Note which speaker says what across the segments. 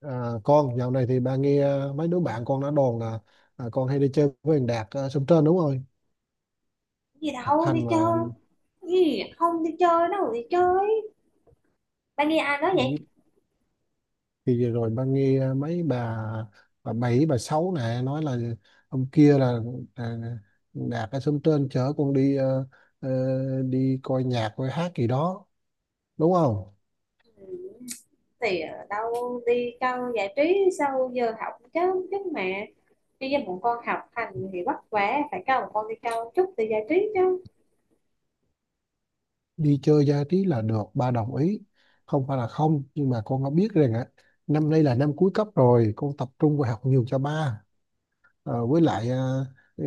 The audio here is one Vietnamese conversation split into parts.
Speaker 1: Con dạo này thì ba nghe mấy đứa bạn con đã đồn là con hay đi chơi với thằng Đạt ở Sông Trên đúng không?
Speaker 2: Gì
Speaker 1: Học
Speaker 2: đâu, đi
Speaker 1: hành mà.
Speaker 2: chơi gì? Không đi chơi đâu. Đi chơi, ba nghe ai nói vậy?
Speaker 1: Ừ, thì vừa rồi ba nghe mấy bà bảy bà sáu này nói là hôm kia là, à, Đạt ở Sông Trên chở con đi ờ, đi coi nhạc coi hát gì đó đúng không?
Speaker 2: Ừ, thì ở đâu, đi câu giải trí sau giờ học chứ chứ mà, đi với bọn con học hành thì vất vả, phải câu bọn con đi câu chút thì giải trí chứ.
Speaker 1: Đi chơi giải trí là được, ba đồng ý, không phải là không, nhưng mà con đã biết rằng á năm nay là năm cuối cấp rồi, con tập trung vào học nhiều cho ba. Với lại ừ,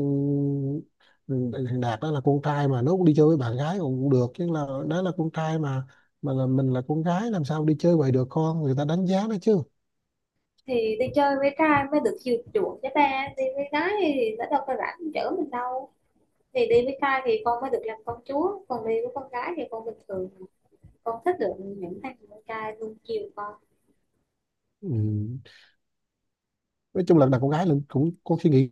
Speaker 1: ừ, thằng Đạt đó là con trai mà nó cũng đi chơi với bạn gái cũng cũng được chứ, là đó là con trai mà là mình là con gái làm sao đi chơi vậy được, con người ta đánh giá nó chứ.
Speaker 2: Thì đi chơi với trai mới được chiều chuộng chứ ba, đi với gái thì nó đâu có rảnh chở mình đâu. Thì đi với trai thì con mới được làm công chúa, còn đi với con gái thì con bình thường. Con thích được những thằng con trai luôn chiều con.
Speaker 1: Ừ, nói chung là đàn con gái là cũng có suy nghĩ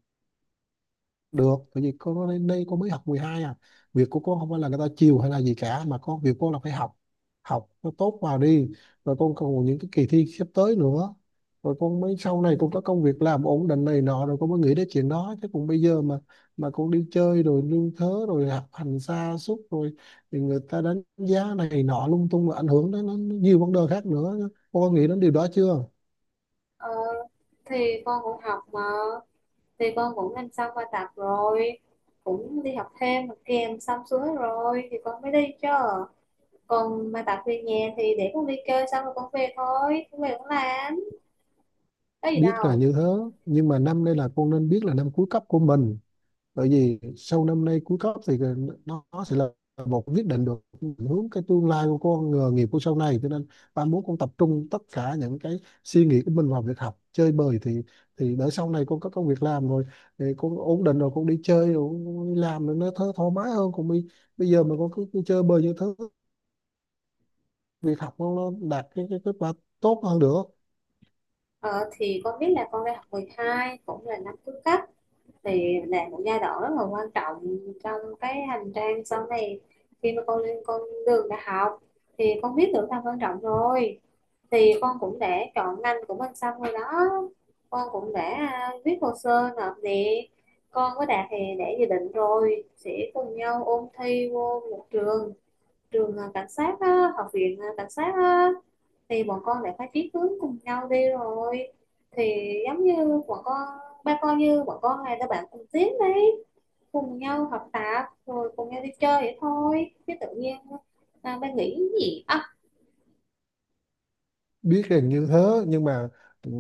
Speaker 1: được, tại vì cô lên đây cô mới học 12 à, việc của cô không phải là người ta chiều hay là gì cả mà có việc cô là phải học, học nó tốt vào đi, rồi con còn những cái kỳ thi sắp tới nữa, rồi con mới sau này con có công việc làm ổn định này nọ rồi con mới nghĩ đến chuyện đó chứ, còn bây giờ mà con đi chơi rồi lương thớ rồi học hành sa sút rồi thì người ta đánh giá này nọ lung tung và ảnh hưởng đến nó nhiều vấn đề khác nữa, con có nghĩ đến điều đó chưa?
Speaker 2: ờ, thì con cũng học mà, thì con cũng làm xong bài tập rồi, cũng đi học thêm mà kèm xong xuôi rồi thì con mới đi chứ. Còn bài tập về nhà thì để con đi chơi xong rồi con về, thôi con về con làm, có gì
Speaker 1: Biết là
Speaker 2: đâu.
Speaker 1: như thế, nhưng mà năm đây là con nên biết là năm cuối cấp của mình, bởi vì sau năm nay cuối cấp thì nó sẽ là một quyết định được hướng cái tương lai của con, nghề nghiệp của sau này, cho nên ba muốn con tập trung tất cả những cái suy nghĩ của mình vào việc học, chơi bời thì để sau này con có công việc làm rồi thì con ổn định rồi con đi chơi rồi con đi làm rồi nó thơ thoải mái hơn, còn bây bây giờ mà con cứ chơi bời như thứ, việc học nó đạt cái kết quả tốt hơn được.
Speaker 2: Ờ, thì con biết là con đang học 12 cũng là năm cuối cấp, thì là một giai đoạn rất là quan trọng trong cái hành trang sau này khi mà con lên con đường đại học. Thì con biết được tầm quan trọng rồi, thì con cũng đã chọn ngành của mình xong rồi đó. Con cũng đã viết hồ sơ nộp nè. Con có Đạt thì đã dự định rồi sẽ cùng nhau ôn thi vô một trường, trường cảnh sát á, học viện cảnh sát á. Thì bọn con lại phải chí hướng cùng nhau đi rồi, thì giống như bọn con, ba con như bọn con này là bạn cùng tiến đấy, cùng nhau học tập rồi cùng nhau đi chơi vậy thôi chứ tự nhiên ba nghĩ gì á.
Speaker 1: Biết hình như thế, nhưng mà ừ,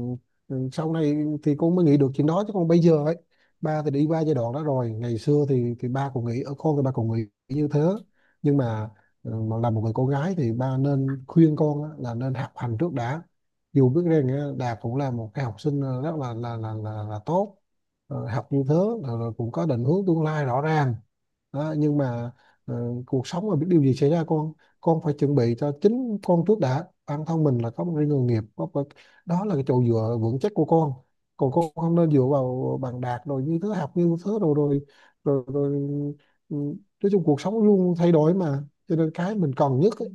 Speaker 1: sau này thì con mới nghĩ được chuyện đó chứ, còn bây giờ ấy ba thì đi qua giai đoạn đó rồi, ngày xưa thì ba cũng nghĩ ở con thì ba cũng nghĩ như thế. Nhưng mà, mà là một người con gái thì ba nên khuyên con á, là nên học hành trước đã, dù biết rằng á, Đạt cũng là một cái học sinh rất là tốt. Học như thế rồi, cũng có định hướng tương lai rõ ràng đó, nhưng mà ờ, cuộc sống mà biết điều gì xảy ra con phải chuẩn bị cho chính con trước đã, bản thân mình là có một cái nghề nghiệp đó là cái chỗ dựa vững chắc của con, còn con không nên dựa vào bằng đạt rồi như thứ học như thứ rồi ừ, nói chung cuộc sống luôn thay đổi mà, cho nên cái mình cần nhất ấy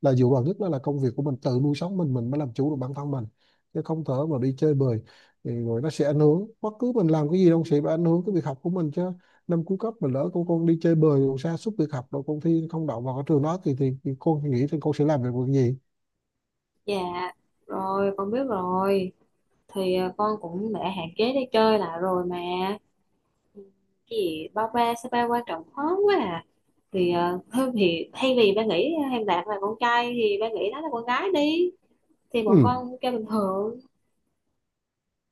Speaker 1: là dựa vào nhất đó là công việc của mình tự nuôi sống mình mới làm chủ được bản thân mình, chứ không thể mà đi chơi bời thì rồi nó sẽ ảnh hưởng, bất cứ mình làm cái gì đâu sẽ bị ảnh hưởng cái việc học của mình chứ. Năm cuối cấp mà lỡ con đi chơi bời rồi sa sút việc học rồi con thi không đậu vào cái trường đó thì thì con nghĩ thì con sẽ làm được việc gì?
Speaker 2: Dạ, rồi con biết rồi. Thì con cũng đã hạn chế đi chơi lại rồi mà. Cái gì, ba ba sao ba quan trọng khó quá à. Thì thôi thì thay vì ba nghĩ Hàng Đạt là con trai thì ba nghĩ nó là con gái đi, thì bọn
Speaker 1: Ừ.
Speaker 2: con kêu bình thường.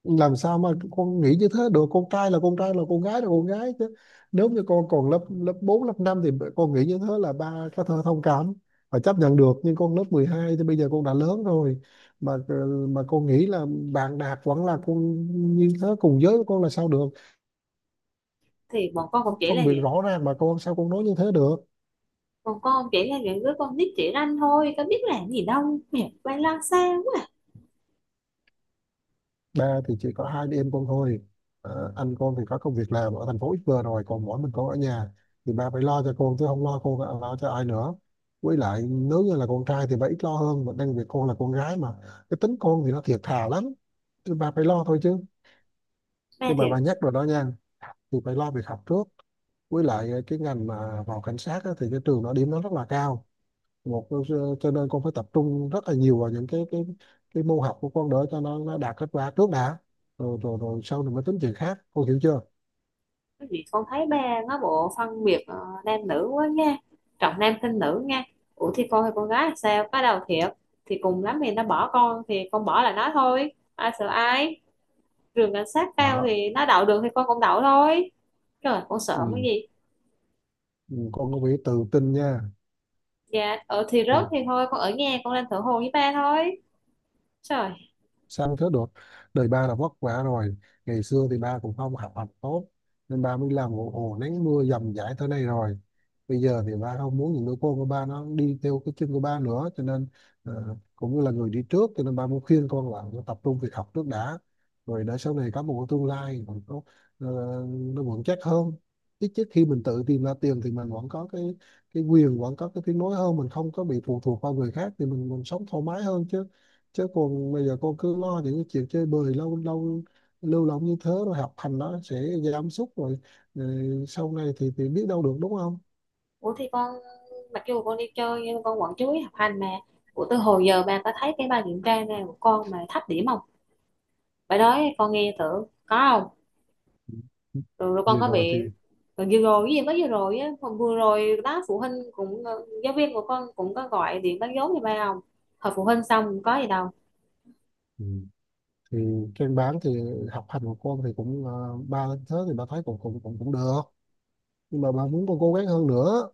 Speaker 1: Làm sao mà con nghĩ như thế được, con trai là con trai, là con gái chứ. Nếu như con còn lớp lớp 4 lớp 5 thì con nghĩ như thế là ba có thể thông cảm và chấp nhận được, nhưng con lớp 12 thì bây giờ con đã lớn rồi mà mà con nghĩ là bạn đạt vẫn là con như thế cùng giới của con là sao được,
Speaker 2: Thì bọn con cũng chỉ
Speaker 1: phân
Speaker 2: là
Speaker 1: biệt
Speaker 2: những,
Speaker 1: rõ ràng mà con sao con nói như thế được.
Speaker 2: bọn con chỉ là những đứa con nít chỉ ranh thôi, có biết làm gì đâu, mẹ ba lo xa quá à.
Speaker 1: Ba thì chỉ có hai đứa em con thôi, ờ, anh con thì có công việc làm ở thành phố ít vừa rồi, còn mỗi mình con ở nhà thì ba phải lo cho con chứ không lo con lo cho ai nữa, với lại nếu như là con trai thì ba ít lo hơn mà đang việc con là con gái mà, cái tính con thì nó thiệt thà lắm thì ba phải lo thôi chứ.
Speaker 2: Ba
Speaker 1: Nhưng mà
Speaker 2: thiệt.
Speaker 1: ba nhắc rồi đó nha, thì phải lo việc học trước, với lại cái ngành mà vào cảnh sát á, thì cái trường nó điểm nó rất là cao, một cho nên con phải tập trung rất là nhiều vào những cái cái môn học của con đỡ cho nó đạt kết quả trước đã, rồi rồi rồi sau này mới tính chuyện khác, con hiểu chưa?
Speaker 2: Cái gì, con thấy ba nó bộ phân biệt nam nữ quá nha, trọng nam khinh nữ nha. Ủa thì con hay con gái là sao có đâu thiệt, thì cùng lắm thì nó bỏ con thì con bỏ là nó thôi, ai sợ ai. Trường cảnh sát cao
Speaker 1: Đó.
Speaker 2: thì nó đậu được thì con cũng đậu thôi. Trời, con sợ cái
Speaker 1: Ừ.
Speaker 2: gì.
Speaker 1: Ừ, con có phải tự tin nha.
Speaker 2: Dạ, ở thì
Speaker 1: Rồi
Speaker 2: rớt thì thôi, con ở nhà con lên thở hồ với ba thôi. Trời!
Speaker 1: sang thế đột, đời ba là vất vả rồi, ngày xưa thì ba cũng không học hành tốt nên ba mới làm ồ ồ nắng mưa dầm dãi tới đây rồi, bây giờ thì ba không muốn những đứa con của ba nó đi theo cái chân của ba nữa cho nên cũng như là người đi trước cho nên ba muốn khuyên con là tập trung việc học trước đã, rồi để sau này có một cái tương lai còn có, ờ, nó vững chắc hơn. Ít nhất khi mình tự tìm ra tiền thì mình vẫn có cái quyền, vẫn có cái tiếng nói hơn, mình không có bị phụ thuộc vào người khác thì mình sống thoải mái hơn chứ. Chứ còn bây giờ cô cứ lo những cái chuyện chơi bời, lâu lâu lưu lộng như thế rồi học hành nó sẽ giảm sút rồi, sau này thì biết đâu được đúng không?
Speaker 2: Ủa thì con, mặc dù con đi chơi nhưng con vẫn chú ý học hành mà. Ủa từ hồi giờ ba có thấy cái bài kiểm tra này của con mà thấp điểm không? Bài đó con nghe thử, có không? Rồi, rồi con
Speaker 1: Vừa
Speaker 2: có
Speaker 1: rồi thì.
Speaker 2: bị, rồi vừa rồi cái gì, mới vừa rồi á, hôm vừa rồi đó phụ huynh cũng giáo viên của con cũng có gọi điện báo dấu như ba không? Hồi phụ huynh xong có gì đâu.
Speaker 1: Ừ. Thì trên bán thì học hành của con thì cũng, ba thế thì ba thấy cũng cũng cũng cũng được, nhưng mà bà muốn con cố gắng hơn nữa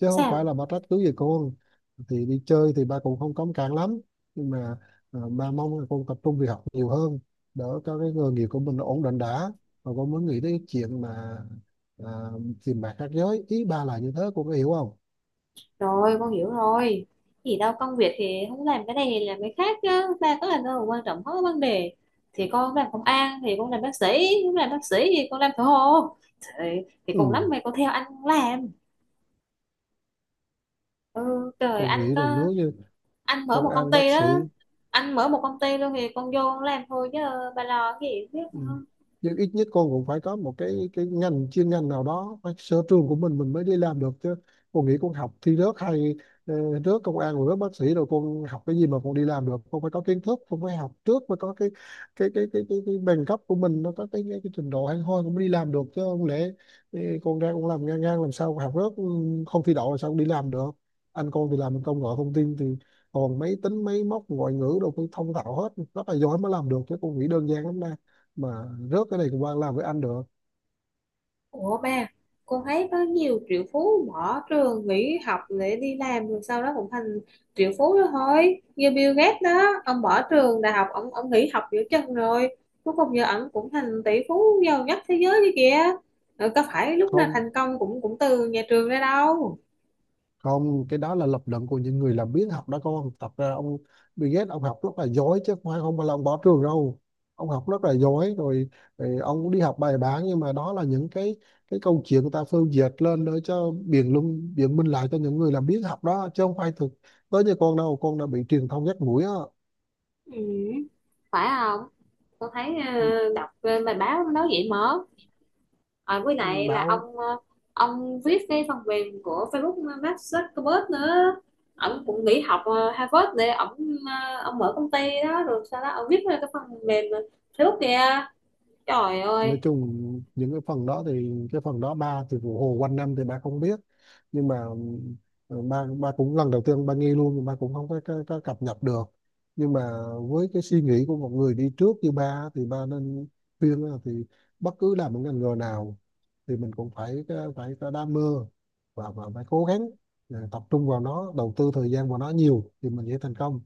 Speaker 1: chứ không phải
Speaker 2: Sao?
Speaker 1: là bà trách cứ về con. Thì đi chơi thì ba cũng không cấm cản lắm, nhưng mà ba mong là con tập trung việc học nhiều hơn, đỡ cho cái nghề nghiệp của mình nó ổn định đã, và con mới nghĩ đến chuyện mà à, tìm bạn khác giới, ý ba là như thế con có hiểu không?
Speaker 2: Rồi con hiểu rồi. Thì đâu, công việc thì không làm cái này thì làm cái khác chứ, ba có làm đâu mà quan trọng hết vấn đề. Thì con làm công an, thì con làm bác sĩ, con làm bác sĩ thì con làm thợ hồ. Thì, thì cùng lắm
Speaker 1: ừ
Speaker 2: mày có theo anh làm. Ừ, trời
Speaker 1: con
Speaker 2: anh
Speaker 1: nghĩ là nếu
Speaker 2: có,
Speaker 1: như
Speaker 2: anh mở
Speaker 1: công
Speaker 2: một công
Speaker 1: an, bác
Speaker 2: ty
Speaker 1: sĩ.
Speaker 2: đó, anh mở một công ty luôn thì con vô con làm thôi chứ. Bà lo cái gì biết.
Speaker 1: Ừ. Nhưng ít nhất con cũng phải có một cái ngành chuyên ngành nào đó phải sở trường của mình mới đi làm được chứ. Con nghĩ con học thi rớt hay ờ, rớt công an rồi rớt bác sĩ rồi con học cái gì mà con đi làm được? Con phải có kiến thức, con phải học trước mới có cái bằng cấp của mình, nó có cái trình độ hay thôi con mới đi làm được chứ, không lẽ ờ, con ra con làm ngang ngang làm sao, học rớt, không thi đậu làm sao con đi làm được. Anh con thì làm công nghệ thông tin thì còn máy tính máy móc ngoại ngữ đâu phải thông thạo hết, rất là giỏi mới làm được chứ, con nghĩ đơn giản lắm mà rớt cái này của bạn làm với anh được.
Speaker 2: Ủa ba, con thấy có nhiều triệu phú bỏ trường nghỉ học để đi làm rồi sau đó cũng thành triệu phú đó thôi. Như Bill Gates đó, ông bỏ trường đại học, ông nghỉ học giữa chừng rồi. Cuối cùng giờ ông cũng thành tỷ phú giàu nhất thế giới kia kìa. Rồi có phải lúc nào
Speaker 1: Không,
Speaker 2: thành công cũng cũng từ nhà trường ra đâu.
Speaker 1: không, cái đó là lập luận của những người làm biến học đó con, tập ra ông Bill Gates, ông học rất là giỏi chứ không phải là ông bỏ trường đâu, ông học rất là giỏi rồi, rồi ông đi học bài bản, nhưng mà đó là những cái câu chuyện người ta phân dệt lên để cho biện luận biện minh lại cho những người làm biến học đó chứ không phải thực tới, như con đâu con đã bị truyền thông dắt mũi á,
Speaker 2: Ừ, phải không? Con thấy đọc bài báo nó nói vậy mà. Với lại là
Speaker 1: báo.
Speaker 2: ông ông viết cái phần mềm của Facebook, Mark Zuckerberg nữa, ông cũng nghỉ học Harvard để ông ông mở công ty đó rồi sau đó ông viết ra cái phần mềm Facebook kìa. Trời
Speaker 1: Nói
Speaker 2: ơi!
Speaker 1: chung những cái phần đó thì cái phần đó ba thì vụ hồ quanh năm thì ba không biết, nhưng mà ba ba cũng lần đầu tiên ba nghe luôn, nhưng ba cũng không có cập nhật được, nhưng mà với cái suy nghĩ của một người đi trước như ba thì ba nên khuyên là thì bất cứ làm một ngành nghề nào thì mình cũng phải phải có đam mê và, phải cố gắng, tập trung vào nó, đầu tư thời gian vào nó nhiều thì mình sẽ thành công,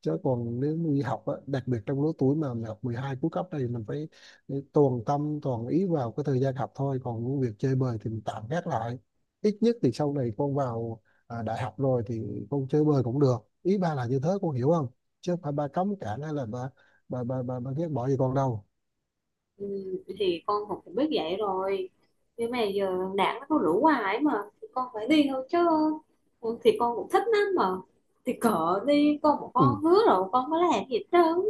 Speaker 1: chứ còn nếu đi học á, đặc biệt trong lứa tuổi mà học 12 cuối cấp này mình phải để toàn tâm toàn ý vào cái thời gian học thôi, còn việc chơi bời thì mình tạm gác lại, ít nhất thì sau này con vào đại học rồi thì con chơi bời cũng được, ý ba là như thế con hiểu không? Chứ không phải ba cấm cản hay là ba ba ba ba, ba ghét bỏ gì con đâu.
Speaker 2: Ừ, thì con học cũng biết vậy rồi, nhưng mà giờ đảng nó có rủ hoài mà thì con phải đi thôi chứ. Ừ, thì con cũng thích lắm mà, thì cỡ đi con một
Speaker 1: Ừ.
Speaker 2: con hứa rồi con có làm gì hết trơn.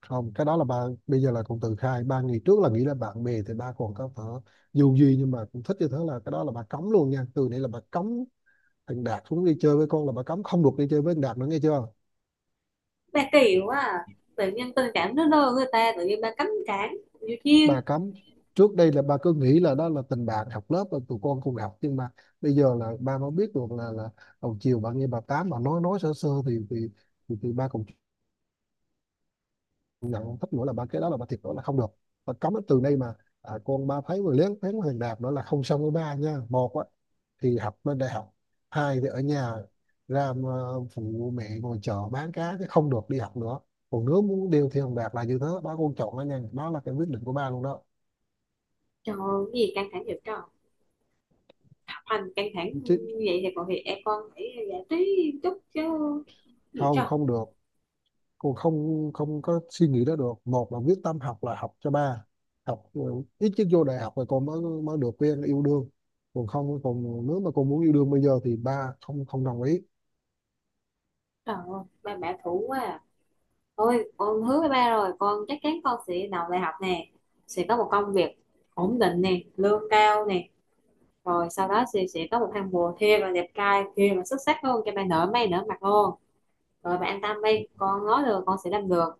Speaker 1: Không, cái đó là ba bây giờ là con tự khai, ba ngày trước là nghĩ là bạn bè thì ba còn có thể dù gì, nhưng mà cũng thích như thế là cái đó là ba cấm luôn nha, từ đây là ba cấm thằng Đạt xuống đi chơi với con, là ba cấm, không được đi chơi với thằng Đạt nữa nghe chưa?
Speaker 2: Ba kỳ quá à. Tự nhiên tình cảm nó lơ người ta tự nhiên ba cấm cản nhiều chiên.
Speaker 1: Bà cấm. Trước đây là ba cứ nghĩ là đó là tình bạn học lớp là tụi con cùng học, nhưng mà bây giờ là ba mới biết được là đầu chiều bà nghe bà tám bà nói sơ sơ thì thì ba cũng nhận không thích nữa là ba, cái đó là ba thiệt đó là không được. Bà cấm từ đây mà, con ba thấy người lén phén Hoàng Đạt nữa là không xong với ba nha. Một á thì học lên đại học, hai thì ở nhà ra mà phụ mẹ ngồi chợ bán cá chứ không được đi học nữa, còn nếu muốn điều thì Hoàng Đạt là như thế đó con chọn nó nha, đó là cái quyết định của ba luôn đó.
Speaker 2: Trời ơi, cái gì căng thẳng vậy trời, học hành căng thẳng
Speaker 1: Chứ
Speaker 2: như vậy thì còn thì em con phải giải trí chút chứ. Cái gì
Speaker 1: không,
Speaker 2: trời!
Speaker 1: không được. Cô không, không có suy nghĩ đó được, một là quyết tâm học là học cho ba học, ít chứ vô đại học rồi cô mới mới được quen yêu đương, còn không còn nếu mà cô muốn yêu đương bây giờ thì ba không, không đồng ý.
Speaker 2: Trời ơi, ba bả thủ quá à. Thôi con hứa với ba rồi, con chắc chắn con sẽ đầu đại học nè, sẽ có một công việc ổn định nè, lương cao nè, rồi sau đó sẽ có một thằng bồ thê và đẹp trai kia mà xuất sắc hơn cho ba nở mày nở mặt luôn. Rồi bạn an tâm đi, con nói được con sẽ làm được.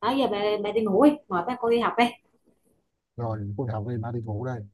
Speaker 2: Đó, giờ bà đi ngủ đi, mời bác con đi học đi.
Speaker 1: Rồi cô học đi, ba đi ngủ đây.